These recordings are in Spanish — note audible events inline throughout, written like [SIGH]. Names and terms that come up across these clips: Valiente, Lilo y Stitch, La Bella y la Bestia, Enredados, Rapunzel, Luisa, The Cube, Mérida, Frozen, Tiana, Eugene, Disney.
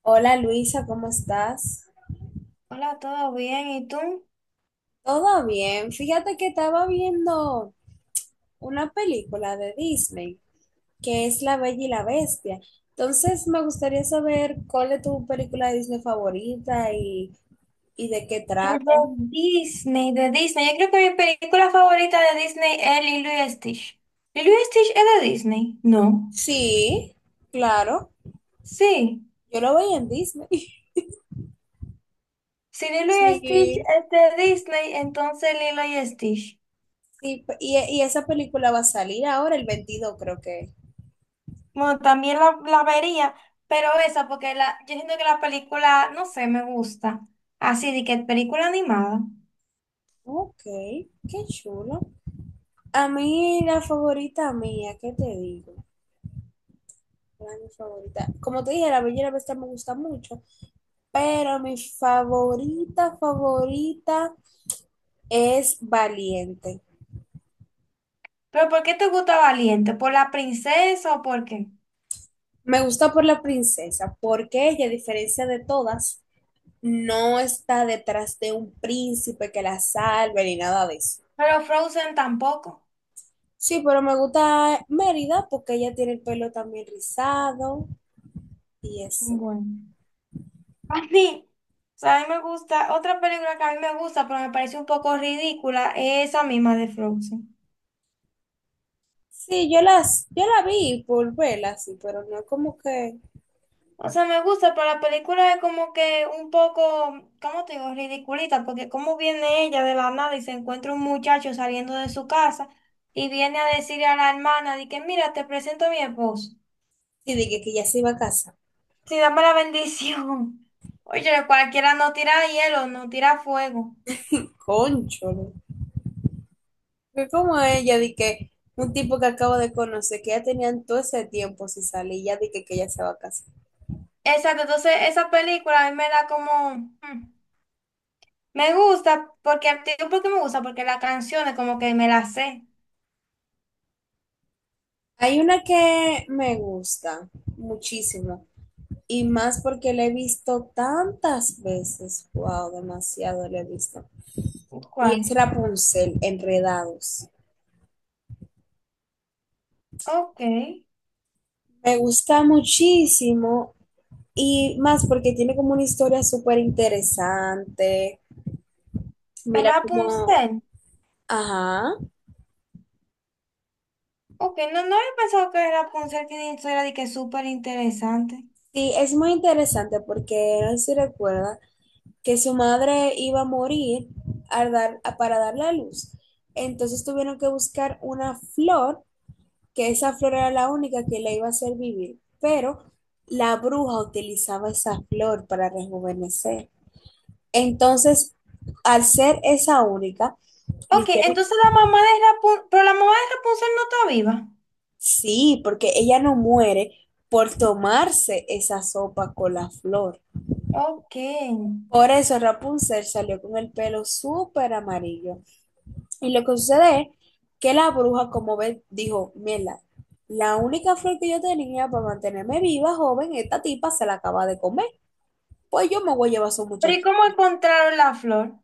Hola Luisa, ¿cómo estás? Hola, ¿todo bien? ¿Y tú? Todo bien. Fíjate que estaba viendo una película de Disney que es La Bella y la Bestia. Entonces me gustaría saber cuál es tu película de Disney favorita y de qué Es trata. de Disney, de Disney. Yo creo que mi película favorita de Disney es Lilo y Stitch. ¿Lilo y Stitch es de Disney? No. Sí, claro. Sí. Yo lo veía en Disney. [LAUGHS] Si Lilo y Stitch Sí, es de Disney, entonces Lilo y Stitch. sí. Y esa película va a salir ahora, el 22, creo que. Bueno, también la vería, pero esa, porque la, yo siento que la película, no sé, me gusta. Así de que película animada. Ok, qué chulo. A mí la favorita mía, ¿qué te digo? Era mi favorita. Como te dije, la Bella y la Bestia me gusta mucho, pero mi favorita, favorita es Valiente. ¿Pero por qué te gusta Valiente? ¿Por la princesa o por qué? Me gusta por la princesa, porque ella, a diferencia de todas, no está detrás de un príncipe que la salve ni nada de eso. Pero Frozen tampoco. Sí, pero me gusta Mérida porque ella tiene el pelo también rizado y eso. Bueno. A mí, o sea, a mí me gusta, otra película que a mí me gusta, pero me parece un poco ridícula, es esa misma de Frozen. Sí, yo la vi por verla, sí, pero no es como que, O sea, me gusta, pero la película es como que un poco, ¿cómo te digo? Ridiculita, porque como viene ella de la nada y se encuentra un muchacho saliendo de su casa y viene a decirle a la hermana de que, mira, te presento a mi esposo. sí, dije que ya se iba a casa. Sí, dame la bendición. [LAUGHS] Oye, cualquiera no tira hielo, no tira fuego. Concho. ¿No? Fue como ella, de que un tipo que acabo de conocer, que ya tenían todo ese tiempo si sale y ya dije que ella se va a casar. Exacto, entonces esa película a mí me da como... mm, me gusta porque te digo por qué me gusta, porque las canciones como que me las sé. Hay una que me gusta muchísimo y más porque la he visto tantas veces, wow, demasiado la he visto. Y es ¿Cuál? Rapunzel, Enredados. Ok. Me gusta muchísimo y más porque tiene como una historia súper interesante. Mira como, Rapunzel. ajá. Ok, no, no había pensado que Rapunzel que eso era de que súper interesante. Sí, es muy interesante porque, no sé si recuerda, que su madre iba a morir para darle a luz. Entonces tuvieron que buscar una flor, que esa flor era la única que la iba a hacer vivir, pero la bruja utilizaba esa flor para rejuvenecer. Entonces, al ser esa única, le Ok, hicieron, entonces la mamá de Rapunzel, pero la mamá de Rapunzel no está viva. sí, porque ella no muere por tomarse esa sopa con la flor. Ok. Por eso Rapunzel salió con el pelo súper amarillo. Y lo que sucede es que la bruja, como ve, dijo, mierda, la única flor que yo tenía para mantenerme viva, joven, esta tipa se la acaba de comer. Pues yo me voy a llevar a su Pero ¿y muchacho. cómo encontraron la flor?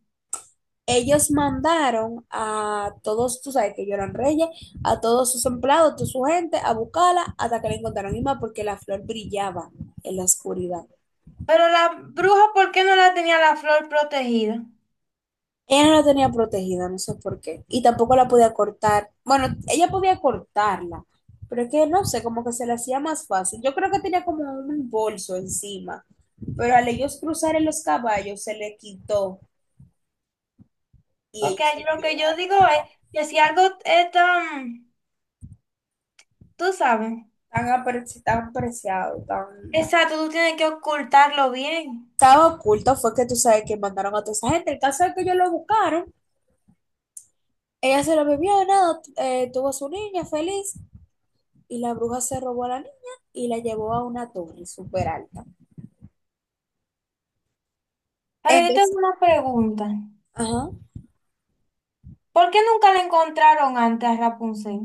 Ellos mandaron a todos, tú sabes que ellos eran reyes, a todos sus empleados, toda su gente, a buscarla hasta que la encontraron misma porque la flor brillaba en la oscuridad. Pero la bruja, ¿por qué no la tenía la flor protegida? Ella no la tenía protegida, no sé por qué. Y tampoco la podía cortar. Bueno, ella podía cortarla, pero es que no sé, como que se le hacía más fácil. Yo creo que tenía como un bolso encima, pero al ellos cruzar en los caballos se le quitó y Porque ellos se ahí la lo que yo llevaron. digo es que si algo es tan, tú sabes, Tan, tan apreciado, tan… exacto, tú tienes que ocultarlo bien. Estaba oculto, fue que tú sabes que mandaron a toda esa gente. El caso es que ellos lo buscaron, ella se lo bebió, nada, tuvo a su niña feliz y la bruja se robó a la niña y la llevó a una torre súper alta. Ahora yo tengo Entonces, una pregunta. ajá. ¿Por qué nunca la encontraron antes a Rapunzel?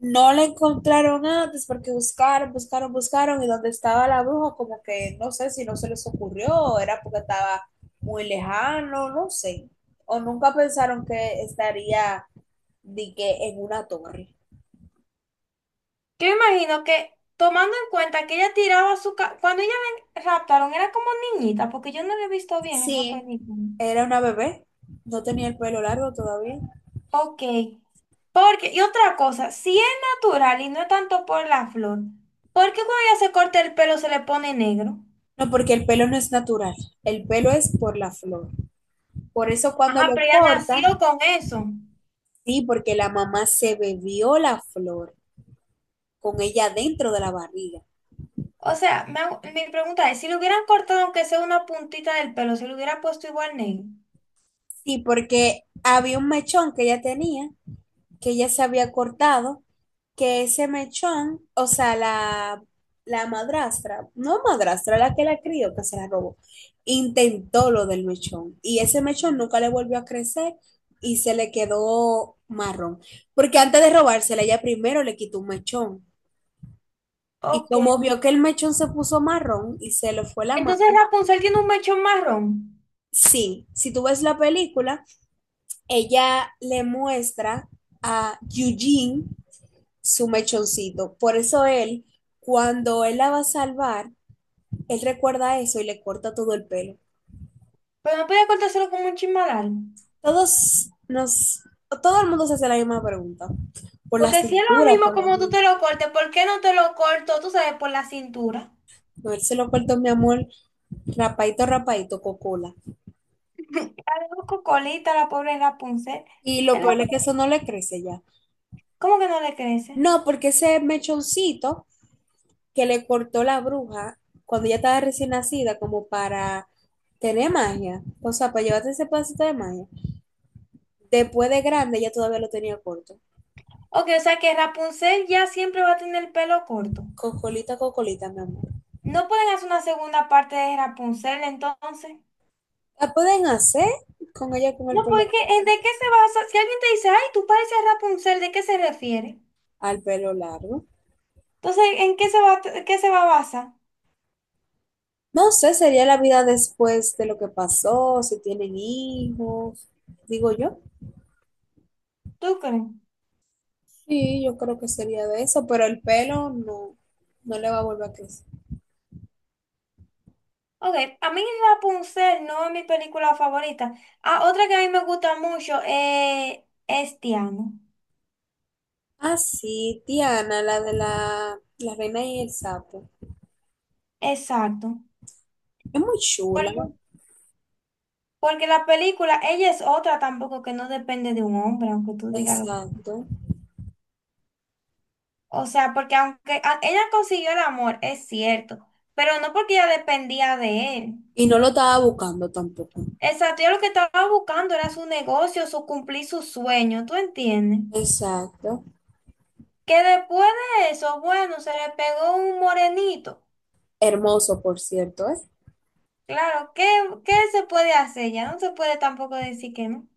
No le encontraron antes porque buscaron, buscaron, buscaron y donde estaba la bruja como que no sé si no se les ocurrió, o era porque estaba muy lejano, no sé. O nunca pensaron que estaría de que en una torre. Yo imagino que tomando en cuenta que ella tiraba su... cuando ella la raptaron era como niñita, porque yo no la he visto bien esa Sí, película. era una bebé, no tenía el pelo largo todavía. Ok. Porque, y otra cosa, si es natural y no es tanto por la flor, ¿por qué cuando ella se corta el pelo se le pone negro? No, porque el pelo no es natural, el pelo es por la flor. Por eso cuando Ajá, lo pero ella corta, nació con eso. sí, porque la mamá se bebió la flor con ella dentro de la barriga. O sea, mi pregunta es, si le hubieran cortado aunque sea una puntita del pelo, ¿se le hubiera puesto igual negro? Sí, porque había un mechón que ella tenía, que ella se había cortado, que ese mechón, o sea, la madrastra, no madrastra, la que la crió, que se la robó, intentó lo del mechón. Y ese mechón nunca le volvió a crecer y se le quedó marrón. Porque antes de robársela, ella primero le quitó un mechón. Y Ok. como vio que el mechón se puso marrón y se le fue la Entonces madre, Rapunzel tiene un mechón marrón, sí, si tú ves la película ella le muestra a Eugene su mechoncito. Por eso él, cuando él la va a salvar, él recuerda eso y le corta todo el pelo. pero no podía cortárselo como un chismadal. Todos nos, todo el mundo se hace la misma pregunta. Por la Porque si es lo cintura, mismo por la como tú mano. te lo cortes, ¿por qué no te lo corto, tú sabes, por la cintura? No, él se lo cortó, mi amor, rapadito, rapadito, cocola. [LAUGHS] La Busco colita, la pobre Rapunzel. Y lo El peor es que Rapu- eso no le crece ya. ¿Cómo que no le crece? No, porque ese mechoncito que le cortó la bruja cuando ella estaba recién nacida, como para tener magia, o sea, para llevarte ese pedacito de magia. Después de grande, ella todavía lo tenía corto. Ok, o sea que Rapunzel ya siempre va a tener el pelo corto. Cocolita, cocolita, mi amor. No pueden hacer una segunda parte de Rapunzel entonces. La pueden hacer con ella con el No, pelo porque ¿en ¿de corto, qué se basa? Si alguien te dice, ay, tú pareces Rapunzel, ¿de qué se refiere? al pelo largo. Entonces, ¿en qué se va, ¿qué se va a basar? No sé, sería la vida después de lo que pasó, si tienen hijos, digo yo. ¿Tú crees? Sí, yo creo que sería de eso, pero el pelo no, no le va a volver a crecer. Ok, a mí Rapunzel no es mi película favorita. Ah, otra que a mí me gusta mucho es Tiana. Ah, sí, Tiana, la de la reina y el sapo. Exacto. Es muy chula, Porque, porque la película, ella es otra tampoco que no depende de un hombre, aunque tú digas lo- exacto. O sea, porque ella consiguió el amor, es cierto, pero no porque ella dependía de él. Y no lo estaba buscando tampoco. Exacto, ella lo que estaba buscando era su negocio, su cumplir su sueño, ¿tú entiendes? Exacto. Que después de eso, bueno, se le pegó un morenito. Hermoso, por cierto, ¿eh? Claro, ¿qué, qué se puede hacer? Ya no se puede tampoco decir que no.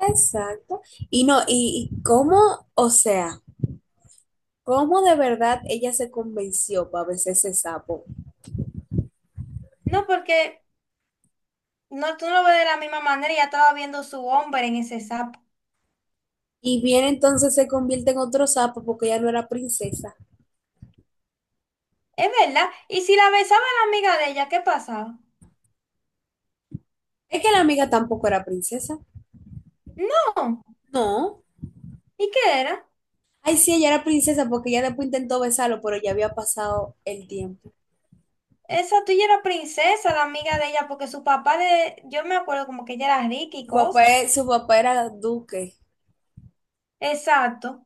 Exacto. Y no, y cómo, o sea, cómo de verdad ella se convenció para besar ese sapo. No, porque no, tú no lo ves de la misma manera y ya estaba viendo su hombre en ese sapo. Y bien entonces se convierte en otro sapo porque ella no era princesa. Es verdad. Y si la besaba la amiga de ella, ¿qué pasaba? Es que la amiga tampoco era princesa. No. No. ¿Y qué era? Ay, sí, ella era princesa porque ella después intentó besarlo, pero ya había pasado el tiempo. Esa tuya era princesa, la amiga de ella, porque su papá de, yo me acuerdo como que ella era rica y Su papá, cosas. Su papá era duque. Exacto.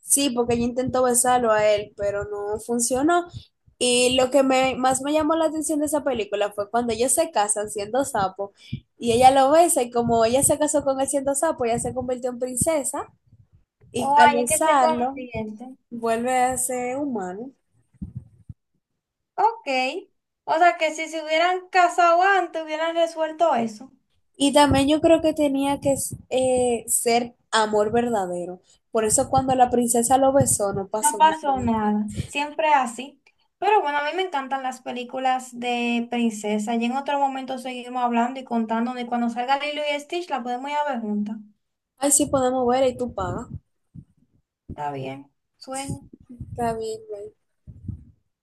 Sí, porque ella intentó besarlo a él, pero no funcionó. Más me llamó la atención de esa película fue cuando ellos se casan siendo sapo y ella lo besa y como ella se casó con él siendo sapo, ella se convirtió en princesa y O al ahí es que se besarlo convierte. vuelve a ser humano. Ok. O sea que si se hubieran casado antes, hubieran resuelto eso. Y también yo creo que tenía que ser amor verdadero. Por eso cuando la princesa lo besó no No pasó pasó nada. nada, siempre así. Pero bueno, a mí me encantan las películas de princesa y en otro momento seguimos hablando y contando y cuando salga Lilo y Stitch la podemos ir a ver juntas. Ay, sí podemos ver y tú pagas. Está bien, sueño. Está bien,